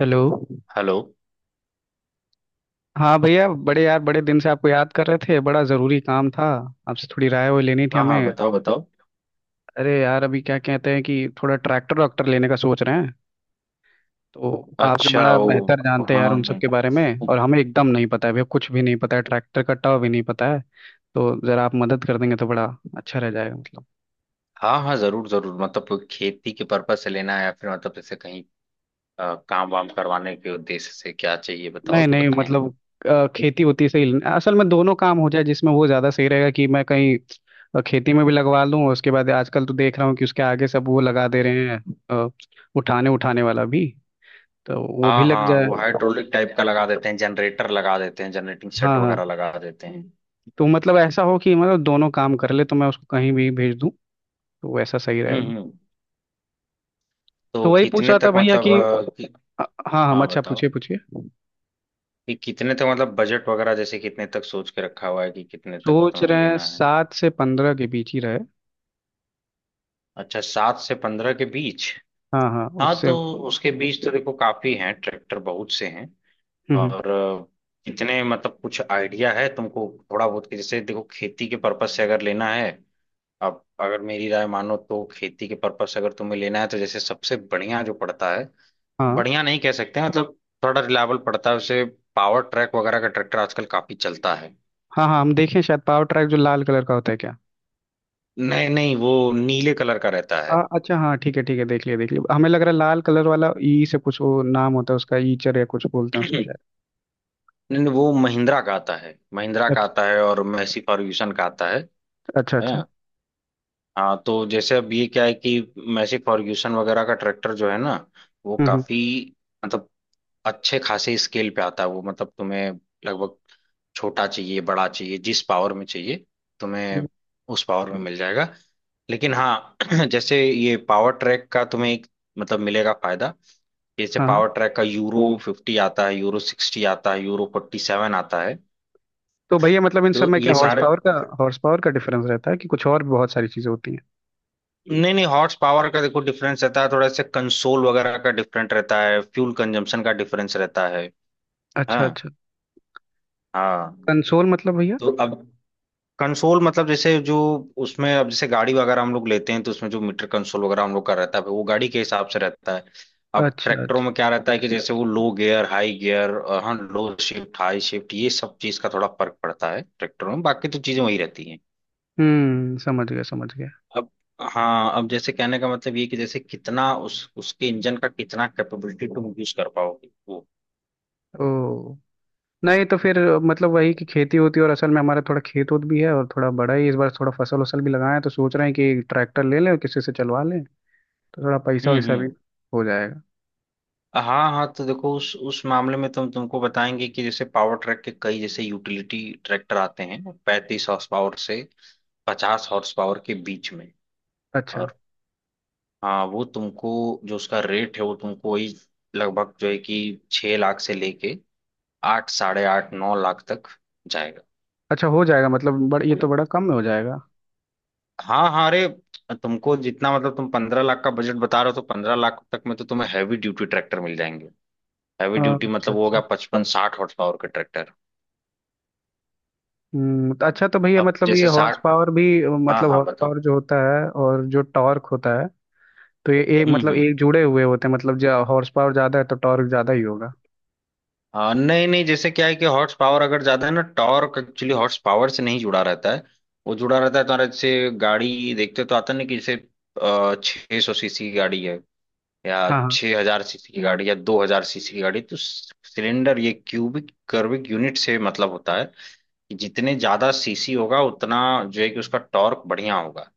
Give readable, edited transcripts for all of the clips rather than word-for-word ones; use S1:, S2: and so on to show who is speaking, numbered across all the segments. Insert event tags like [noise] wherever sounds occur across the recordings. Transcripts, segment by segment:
S1: Hello.
S2: Hello.
S1: हाँ भैया बड़े यार बड़े दिन से आपको याद कर रहे थे, बड़ा ज़रूरी काम था। आपसे थोड़ी राय वो लेनी थी
S2: हाँ हाँ,
S1: हमें।
S2: बताओ बताओ।
S1: अरे यार अभी क्या कहते हैं कि थोड़ा ट्रैक्टर वैक्टर लेने का सोच रहे हैं। तो आपसे
S2: अच्छा,
S1: बड़ा
S2: वो
S1: बेहतर जानते हैं यार उन सब
S2: हाँ।
S1: के बारे में। और हमें एकदम नहीं पता है भैया, कुछ भी नहीं पता है, ट्रैक्टर का टाव भी नहीं पता है। तो ज़रा आप मदद कर देंगे तो बड़ा अच्छा रह जाएगा मतलब।
S2: हाँ हाँ, जरूर जरूर, मतलब खेती के पर्पज से लेना है या फिर मतलब जैसे कहीं काम वाम करवाने के उद्देश्य से, क्या चाहिए बताओ
S1: नहीं
S2: तो
S1: नहीं
S2: बताएं हमें।
S1: मतलब खेती होती सही असल में, दोनों काम हो जाए जिसमें वो ज़्यादा सही रहेगा, कि मैं कहीं खेती में भी लगवा लूँ। उसके बाद आजकल तो देख रहा हूँ कि उसके आगे सब वो लगा दे रहे हैं। अ, उठाने उठाने वाला भी, तो वो भी
S2: हाँ
S1: लग
S2: हाँ, वो
S1: जाए।
S2: हाइड्रोलिक टाइप का लगा देते हैं, जनरेटर लगा देते हैं, जनरेटिंग सेट
S1: हाँ हाँ।
S2: वगैरह लगा देते हैं।
S1: तो मतलब ऐसा हो कि मतलब दोनों काम कर ले, तो मैं उसको कहीं भी भेज दूँ, तो वैसा सही रहेगा।
S2: हम्म।
S1: तो
S2: तो
S1: वही पूछ
S2: कितने
S1: रहा था
S2: तक
S1: भैया
S2: मतलब
S1: कि हाँ हम,
S2: हाँ
S1: अच्छा
S2: बताओ।
S1: पूछिए पूछिए।
S2: कि कितने तक मतलब बजट वगैरह, जैसे कितने तक सोच के रखा हुआ है कि कितने तक
S1: सोच
S2: तुम्हें
S1: रहे हैं
S2: लेना है।
S1: 7 से 15 के बीच ही रहे।
S2: अच्छा, सात से पंद्रह के बीच।
S1: हाँ हाँ
S2: हाँ
S1: उससे।
S2: तो
S1: हम्म।
S2: उसके बीज तो देखो काफी हैं, ट्रैक्टर बहुत से हैं।
S1: हम्म,
S2: और कितने मतलब कुछ आइडिया है तुमको थोड़ा बहुत कि जैसे देखो, खेती के पर्पज से अगर लेना है, अब अगर मेरी राय मानो तो खेती के पर्पज से अगर तुम्हें लेना है तो जैसे सबसे बढ़िया जो पड़ता है,
S1: हाँ
S2: बढ़िया नहीं कह सकते हैं, मतलब थोड़ा रिलायबल पड़ता है उसे। पावर ट्रैक वगैरह का ट्रैक्टर आजकल काफी चलता है।
S1: हाँ। हाँ हम देखें शायद, पावर ट्रैक जो लाल कलर का होता है क्या।
S2: नहीं नहीं, वो नीले कलर का रहता है।
S1: अच्छा हाँ ठीक है ठीक है, देख लिया देख लिया, हमें लग रहा है लाल कलर वाला ई से कुछ वो नाम होता है उसका, ईचर या कुछ बोलते हैं उसको
S2: [clears throat]
S1: शायद।
S2: नहीं नहीं, वो महिंद्रा का आता है, महिंद्रा का
S1: अच्छा
S2: आता है, और मैसी फर्ग्यूसन का आता है।
S1: अच्छा अच्छा।
S2: हाँ। हाँ तो जैसे अब ये क्या है कि मैसी फर्ग्यूसन वगैरह का ट्रैक्टर जो है ना, वो
S1: हम्म, हम्म,
S2: काफी, मतलब अच्छे खासे स्केल पे आता है वो, मतलब तुम्हें, लगभग, छोटा चाहिए, बड़ा चाहिए, जिस पावर में चाहिए
S1: हम्म,
S2: तुम्हें, उस पावर में मिल जाएगा। लेकिन हाँ [clears throat] जैसे ये पावर ट्रैक का तुम्हें एक मतलब मिलेगा फायदा कि जैसे
S1: हाँ हाँ।
S2: पावर ट्रैक का यूरो फिफ्टी आता है, यूरो सिक्सटी आता है, यूरो फोर्टी सेवन आता है।
S1: तो भैया मतलब इन सब
S2: तो
S1: में क्या
S2: ये सारे,
S1: हॉर्स पावर का डिफरेंस रहता है, कि कुछ और भी बहुत सारी चीजें होती हैं।
S2: नहीं नहीं, हॉर्स पावर का देखो डिफरेंस रहता है थोड़ा सा, कंसोल वगैरह का डिफरेंट रहता है, फ्यूल कंजम्पशन का डिफरेंस रहता है।
S1: अच्छा
S2: हाँ
S1: अच्छा।
S2: हाँ।
S1: कंसोल मतलब भैया।
S2: तो अब कंसोल मतलब जैसे जो उसमें, अब जैसे गाड़ी वगैरह हम लोग लेते हैं तो उसमें जो मीटर कंसोल वगैरह हम लोग का रहता है वो गाड़ी के हिसाब से रहता है। अब
S1: अच्छा
S2: ट्रैक्टरों में
S1: अच्छा।
S2: क्या रहता है कि जैसे वो लो गियर हाई गियर, हाँ लो शिफ्ट हाई शिफ्ट, ये सब चीज का थोड़ा फर्क पड़ता है ट्रैक्टरों में, बाकी तो चीजें वही रहती हैं।
S1: हम्म, समझ गया समझ गया।
S2: अब हाँ, अब जैसे कहने का मतलब ये कि जैसे कितना उस उसके इंजन का कितना कैपेबिलिटी तुम यूज कर पाओगे वो।
S1: ओ, नहीं तो फिर मतलब वही कि खेती होती है, और असल में हमारा थोड़ा खेत उत भी है और थोड़ा बड़ा ही इस बार, थोड़ा फसल वसल भी लगाए हैं, तो सोच रहे हैं कि ट्रैक्टर ले लें और किसी से चलवा लें। तो थोड़ा पैसा वैसा भी
S2: हम्म।
S1: हो जाएगा।
S2: हाँ हाँ तो देखो उस मामले में तुमको बताएंगे कि जैसे पावर ट्रैक के कई जैसे यूटिलिटी ट्रैक्टर आते हैं, 35 हॉर्स पावर से 50 हॉर्स पावर के बीच में।
S1: अच्छा
S2: और हाँ वो तुमको, जो उसका रेट है वो तुमको वही लगभग, जो है कि 6 लाख से लेके आठ साढ़े आठ नौ लाख तक जाएगा।
S1: अच्छा हो जाएगा मतलब। ये तो बड़ा कम में हो जाएगा।
S2: हाँ हाँ, अरे तुमको जितना मतलब, तुम 15 लाख का बजट बता रहे हो तो 15 लाख तक में तो तुम्हें हैवी ड्यूटी ट्रैक्टर मिल जाएंगे। हैवी
S1: हाँ,
S2: ड्यूटी
S1: अच्छा
S2: मतलब वो होगा
S1: अच्छा।
S2: 55 60 हॉर्स पावर के ट्रैक्टर।
S1: हम्म, तो अच्छा तो भैया
S2: अब
S1: मतलब ये
S2: जैसे
S1: हॉर्स
S2: साठ,
S1: पावर भी,
S2: हाँ
S1: मतलब
S2: हाँ
S1: हॉर्स
S2: बताओ।
S1: पावर जो होता है और जो टॉर्क होता है, तो ये एक मतलब
S2: हम्म।
S1: एक जुड़े हुए होते हैं, मतलब जो हॉर्स पावर ज़्यादा है तो टॉर्क ज़्यादा ही होगा।
S2: हाँ नहीं नहीं, जैसे क्या है कि हॉर्स पावर अगर ज्यादा है ना, टॉर्क एक्चुअली हॉर्स पावर से नहीं जुड़ा रहता है। वो जुड़ा रहता है तुम्हारे, जैसे गाड़ी देखते तो आता नहीं कि जैसे 600 सीसी की गाड़ी है या
S1: हाँ हाँ।
S2: 6,000 सीसी की गाड़ी या 2,000 सीसी की गाड़ी, तो सिलेंडर ये क्यूबिक कर्विक यूनिट से मतलब होता है कि जितने ज्यादा सीसी होगा उतना जो है कि उसका टॉर्क बढ़िया होगा।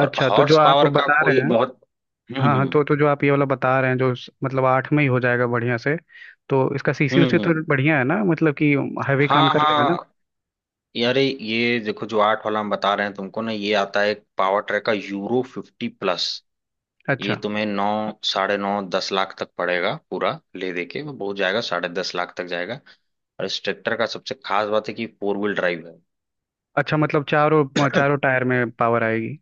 S2: और
S1: तो जो
S2: हॉर्स
S1: आप
S2: पावर का
S1: बता
S2: कोई
S1: रहे हैं।
S2: बहुत,
S1: हाँ हाँ,
S2: हम्म।
S1: तो जो आप ये वाला बता रहे हैं जो मतलब 8 में ही हो जाएगा बढ़िया से। तो इसका सीसी उसी तो
S2: हम्म,
S1: बढ़िया है ना, मतलब कि हैवी काम
S2: हाँ
S1: कर लेगा ना।
S2: हाँ। यारे ये देखो, जो आठ वाला हम बता रहे हैं तुमको ना, ये आता है पावर ट्रैक का यूरो फिफ्टी प्लस। ये
S1: अच्छा
S2: तुम्हें नौ साढ़े नौ दस लाख तक पड़ेगा पूरा, ले दे के वो बहुत जाएगा साढ़े दस लाख तक जाएगा। और इस ट्रैक्टर का सबसे खास बात है कि फोर व्हील ड्राइव है।
S1: अच्छा, मतलब चारों चारों टायर में पावर आएगी।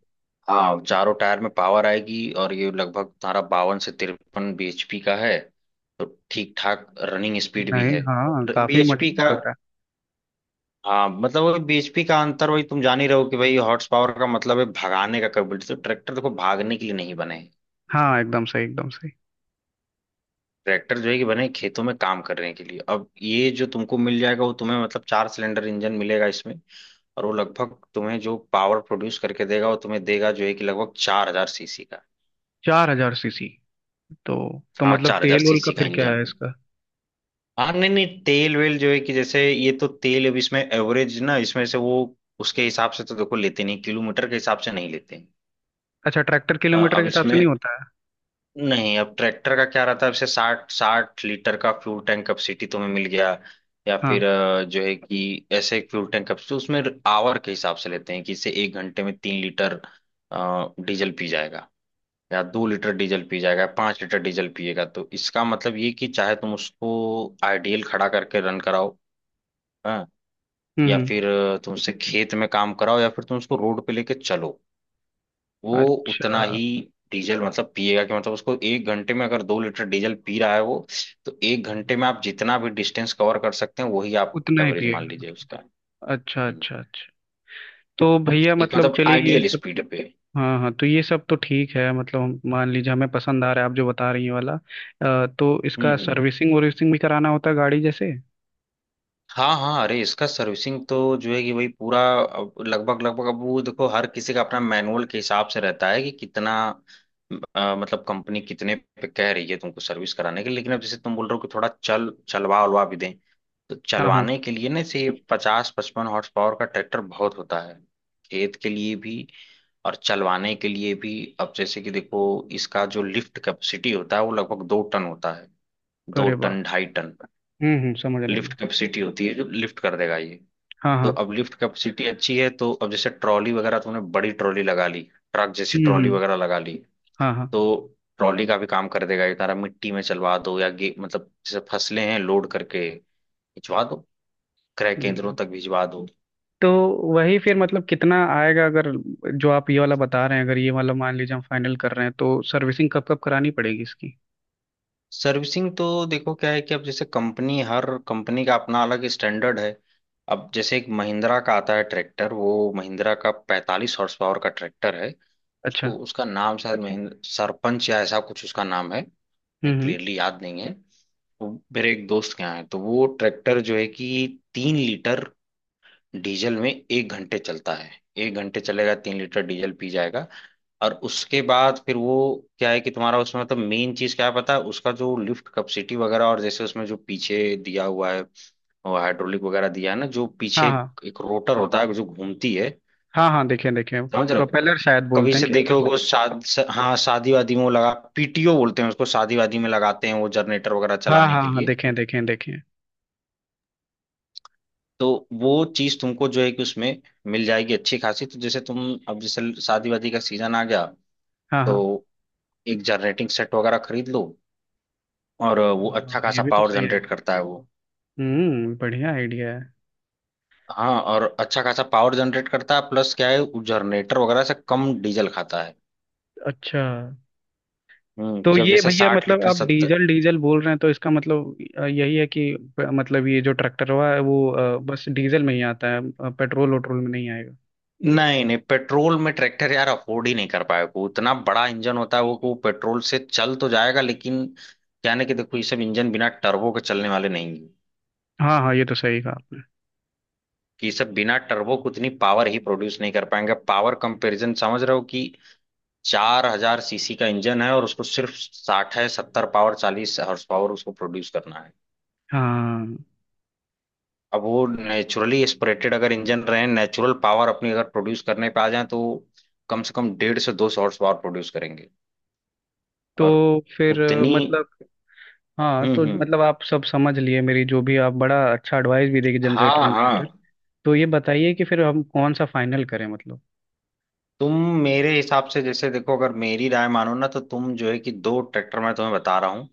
S2: हाँ, चारों टायर में पावर आएगी, और ये लगभग तुम्हारा बावन से तिरपन bhp का है। तो ठीक ठाक रनिंग स्पीड भी
S1: नहीं,
S2: है।
S1: हाँ काफी
S2: bhp का,
S1: मजबूत लग रहा
S2: हाँ मतलब वो bhp का अंतर वही तुम जान ही रहो कि भाई, हॉर्स पावर का मतलब है भगाने का कैपेबिलिटी, तो ट्रैक्टर देखो भागने के लिए नहीं बने हैं।
S1: है। हाँ एकदम सही एकदम सही।
S2: ट्रैक्टर जो है कि बने हैं खेतों में काम करने के लिए। अब ये जो तुमको मिल जाएगा वो तुम्हें, मतलब 4 सिलेंडर इंजन मिलेगा इसमें, और वो लगभग तुम्हें जो पावर प्रोड्यूस करके देगा वो तुम्हें देगा जो है कि लगभग 4,000 सीसी का।
S1: 4000 सीसी। तो तो
S2: हाँ,
S1: मतलब
S2: चार हजार
S1: तेल वोल का
S2: सीसी का
S1: फिर क्या
S2: इंजन।
S1: है इसका।
S2: हाँ नहीं नहीं, तेल वेल जो है कि जैसे ये तो तेल, अब इसमें एवरेज ना इसमें से वो उसके हिसाब से तो देखो लेते नहीं, किलोमीटर के हिसाब से नहीं लेते।
S1: अच्छा, ट्रैक्टर किलोमीटर के
S2: अब
S1: हिसाब से
S2: इसमें,
S1: नहीं होता है।
S2: नहीं अब ट्रैक्टर का क्या रहता है, अब से 60 60 लीटर का फ्यूल टैंक कैपेसिटी तुम्हें मिल गया, या
S1: हाँ।
S2: फिर जो है कि ऐसे एक फ्यूल टैंक कैपेसिटी उसमें आवर के हिसाब से लेते हैं, कि इससे एक घंटे में 3 लीटर डीजल पी जाएगा, या 2 लीटर डीजल पी जाएगा, 5 लीटर डीजल पिएगा, तो इसका मतलब ये कि चाहे तुम उसको आइडियल खड़ा करके रन कराओ, हाँ, या
S1: हम्म।
S2: फिर तुमसे खेत में काम कराओ, या फिर तुम उसको रोड पे लेके चलो, वो उतना
S1: अच्छा,
S2: ही डीजल मतलब पिएगा, कि मतलब उसको एक घंटे में अगर 2 लीटर डीजल पी रहा है वो, तो एक घंटे में आप जितना भी डिस्टेंस कवर कर सकते हैं वही आप
S1: उतना ही
S2: एवरेज मान
S1: पिएगा
S2: लीजिए
S1: मतलब।
S2: उसका।
S1: अच्छा
S2: हम्म।
S1: अच्छा अच्छा। तो भैया
S2: एक
S1: मतलब
S2: मतलब
S1: चलिए ये
S2: आइडियल
S1: सब।
S2: स्पीड पे।
S1: हाँ हाँ, तो ये सब तो ठीक है, मतलब मान लीजिए हमें पसंद आ रहा है आप जो बता रही हैं वाला, तो इसका
S2: हम्म।
S1: सर्विसिंग वर्विसिंग भी कराना होता है गाड़ी जैसे।
S2: हाँ हाँ, अरे इसका सर्विसिंग तो जो है कि वही पूरा, अब लगभग लगभग, अब वो देखो हर किसी का अपना मैनुअल के हिसाब से रहता है कि कितना मतलब कंपनी कितने पे कह रही है तुमको सर्विस कराने के लिए। लेकिन अब जैसे तुम बोल रहे हो कि थोड़ा चल चलवा उलवा भी दें, तो
S1: हाँ हाँ।
S2: चलवाने के लिए ना से 50 55 हॉर्स पावर का ट्रैक्टर बहुत होता है, खेत के लिए भी और चलवाने के लिए भी। अब जैसे कि देखो, इसका जो लिफ्ट कैपेसिटी होता है वो लगभग 2 टन होता है, दो
S1: अरे बाप।
S2: टन ढाई टन
S1: हम्म, समझ रहे
S2: लिफ्ट
S1: हैं।
S2: कैपेसिटी होती है, जो लिफ्ट कर देगा ये।
S1: हाँ
S2: तो
S1: हाँ।
S2: अब लिफ्ट कैपेसिटी अच्छी है, तो अब जैसे ट्रॉली वगैरह तुमने बड़ी ट्रॉली लगा ली, ट्रक जैसी ट्रॉली
S1: हम्म।
S2: वगैरह लगा ली,
S1: हाँ हाँ।
S2: तो ट्रॉली का भी काम कर देगा ये, तारा मिट्टी में चलवा दो, या गे मतलब जैसे फसलें हैं लोड करके भिजवा दो, क्रय केंद्रों
S1: नहीं।
S2: तक भिजवा दो।
S1: तो वही फिर, मतलब कितना आएगा अगर जो आप ये वाला बता रहे हैं, अगर ये वाला मान लीजिए हम फाइनल कर रहे हैं, तो सर्विसिंग कब कब करानी पड़ेगी इसकी।
S2: सर्विसिंग तो देखो क्या है कि अब जैसे कंपनी, हर कंपनी का अपना अलग स्टैंडर्ड है। अब जैसे एक महिंद्रा का आता है ट्रैक्टर, वो महिंद्रा का 45 हॉर्स पावर का ट्रैक्टर है।
S1: अच्छा।
S2: उसको, उसका नाम शायद महेंद्र सरपंच या ऐसा कुछ उसका नाम है, मैं
S1: हम्म।
S2: क्लियरली याद नहीं है। वो मेरे एक दोस्त के यहाँ है, तो वो ट्रैक्टर जो है कि 3 लीटर डीजल में एक घंटे चलता है। एक घंटे चलेगा, 3 लीटर डीजल पी जाएगा। और उसके बाद फिर वो, क्या है कि तुम्हारा उसमें मतलब मेन चीज क्या है पता है उसका, जो लिफ्ट कैपेसिटी वगैरह, और जैसे उसमें जो पीछे दिया हुआ है, और हाइड्रोलिक वगैरह दिया है ना जो
S1: हाँ
S2: पीछे,
S1: हाँ।
S2: एक रोटर होता है जो घूमती है,
S1: हाँ हाँ देखें देखें।
S2: समझ रहे हो।
S1: प्रोपेलर शायद
S2: कभी
S1: बोलते हैं
S2: से
S1: क्या
S2: देखे होगे
S1: उसको।
S2: वो शाद हाँ, शादी वादी में वो लगा, पीटीओ बोलते हैं उसको, शादी वादी में लगाते हैं वो जनरेटर वगैरह
S1: हाँ
S2: चलाने
S1: हाँ
S2: के
S1: हाँ,
S2: लिए।
S1: देखें देखें देखें।
S2: तो वो चीज तुमको जो है कि उसमें मिल जाएगी अच्छी खासी, तो जैसे तुम, अब जैसे शादी वादी का सीजन आ गया
S1: हाँ
S2: तो
S1: हाँ।
S2: एक जनरेटिंग सेट वगैरह खरीद लो, और वो अच्छा
S1: हाँ, ये
S2: खासा
S1: भी तो
S2: पावर
S1: सही है।
S2: जनरेट करता है वो।
S1: हम्म, बढ़िया आइडिया है।
S2: हाँ, और अच्छा खासा पावर जनरेट करता है, प्लस क्या है वो जनरेटर वगैरह से कम डीजल खाता है।
S1: अच्छा।
S2: हम्म,
S1: तो
S2: कि अब
S1: ये
S2: जैसे
S1: भैया
S2: साठ
S1: मतलब
S2: लीटर
S1: आप
S2: सत्तर,
S1: डीजल डीजल बोल रहे हैं, तो इसका मतलब यही है कि मतलब ये जो ट्रैक्टर हुआ है वो बस डीजल में ही आता है, पेट्रोल वट्रोल में नहीं आएगा।
S2: नहीं नहीं, पेट्रोल में ट्रैक्टर यार अफोर्ड ही नहीं कर पाएगा, वो इतना बड़ा इंजन होता है वो, कि वो पेट्रोल से चल तो जाएगा, लेकिन क्या ना कि देखो ये सब इंजन बिना टर्बो के चलने वाले नहीं है,
S1: हाँ हाँ, ये तो सही कहा आपने।
S2: कि ये सब बिना टर्बो को उतनी पावर ही प्रोड्यूस नहीं कर पाएंगे, पावर कंपैरिजन समझ रहे हो, कि 4,000 सीसी का इंजन है, और उसको सिर्फ साठ है सत्तर पावर 40 हॉर्स पावर उसको प्रोड्यूस करना है।
S1: हाँ
S2: अब वो नेचुरली एस्पिरेटेड अगर इंजन रहे, नेचुरल पावर अपनी अगर प्रोड्यूस करने पे आ जाए तो कम से कम डेढ़ से 200 हॉर्स पावर प्रोड्यूस,
S1: तो
S2: और
S1: फिर
S2: उतनी,
S1: मतलब। हाँ तो
S2: हम्म।
S1: मतलब आप सब समझ लिए, मेरी जो भी, आप बड़ा अच्छा एडवाइस भी देगी,
S2: हाँ
S1: जनरेटर
S2: हाँ,
S1: इन्वर्टर। तो ये बताइए कि फिर हम कौन सा फाइनल करें मतलब।
S2: तुम मेरे हिसाब से, जैसे देखो, अगर मेरी राय मानो ना तो तुम जो है कि दो ट्रैक्टर मैं तुम्हें बता रहा हूँ,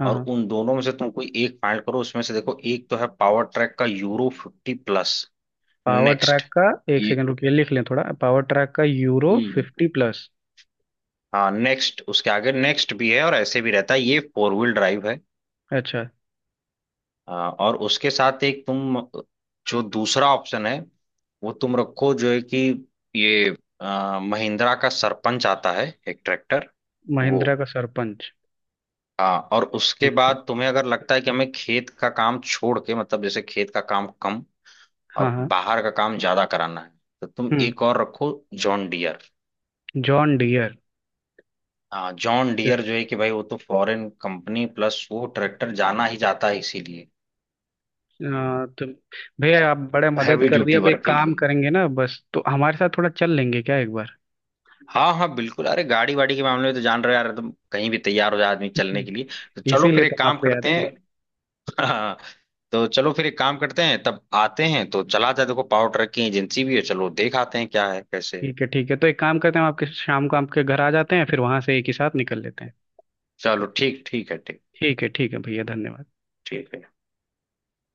S1: हाँ
S2: और
S1: हाँ।
S2: उन दोनों में से तुम कोई एक फाइंड करो, उसमें से देखो एक तो है पावर ट्रैक का euro fifty plus,
S1: power
S2: next
S1: track का। एक
S2: ये।
S1: सेकंड रुकिए लिख लें थोड़ा, पावर ट्रैक का यूरो
S2: हम्म।
S1: 50 प्लस।
S2: हाँ, नेक्स्ट, उसके आगे नेक्स्ट भी है, और ऐसे भी रहता है, ये फोर व्हील ड्राइव है।
S1: अच्छा।
S2: और उसके साथ एक तुम, जो दूसरा ऑप्शन है वो तुम रखो, जो है कि ये महिंद्रा का सरपंच आता है एक ट्रैक्टर, वो
S1: महिंद्रा का सरपंच।
S2: और उसके
S1: ठीक है।
S2: बाद तुम्हें अगर लगता है कि हमें खेत का काम छोड़ के, मतलब जैसे खेत का काम कम
S1: हाँ
S2: और
S1: हाँ।
S2: बाहर का काम ज्यादा कराना है, तो तुम
S1: हम्म।
S2: एक और रखो, जॉन डियर।
S1: John Deere.
S2: हाँ जॉन डियर जो है कि भाई वो तो फॉरेन कंपनी, प्लस वो ट्रैक्टर जाना ही जाता है इसीलिए,
S1: तो भैया आप बड़े मदद
S2: हैवी
S1: कर दिया,
S2: ड्यूटी
S1: अब
S2: वर्क
S1: एक
S2: के
S1: काम
S2: लिए।
S1: करेंगे ना बस, तो हमारे साथ थोड़ा चल लेंगे क्या एक बार।
S2: हाँ हाँ बिल्कुल, अरे गाड़ी वाड़ी के मामले में तो जान रहे हो यार तुम, कहीं भी तैयार हो जाए आदमी चलने के
S1: [laughs]
S2: लिए। तो चलो फिर
S1: इसीलिए तो
S2: एक
S1: हम
S2: काम
S1: आपको याद
S2: करते
S1: किए।
S2: हैं। [laughs] हाँ। तो चलो फिर एक काम करते हैं, तब आते हैं, तो चला जाए, देखो पावर ट्रैक की एजेंसी भी है, चलो देख आते हैं क्या है कैसे है।
S1: ठीक है ठीक है, तो एक काम करते हैं, हम आपके शाम को आपके घर आ जाते हैं, फिर वहां से एक ही साथ निकल लेते हैं।
S2: चलो ठीक, ठीक है ठीक,
S1: ठीक है भैया, धन्यवाद।
S2: ठीक है।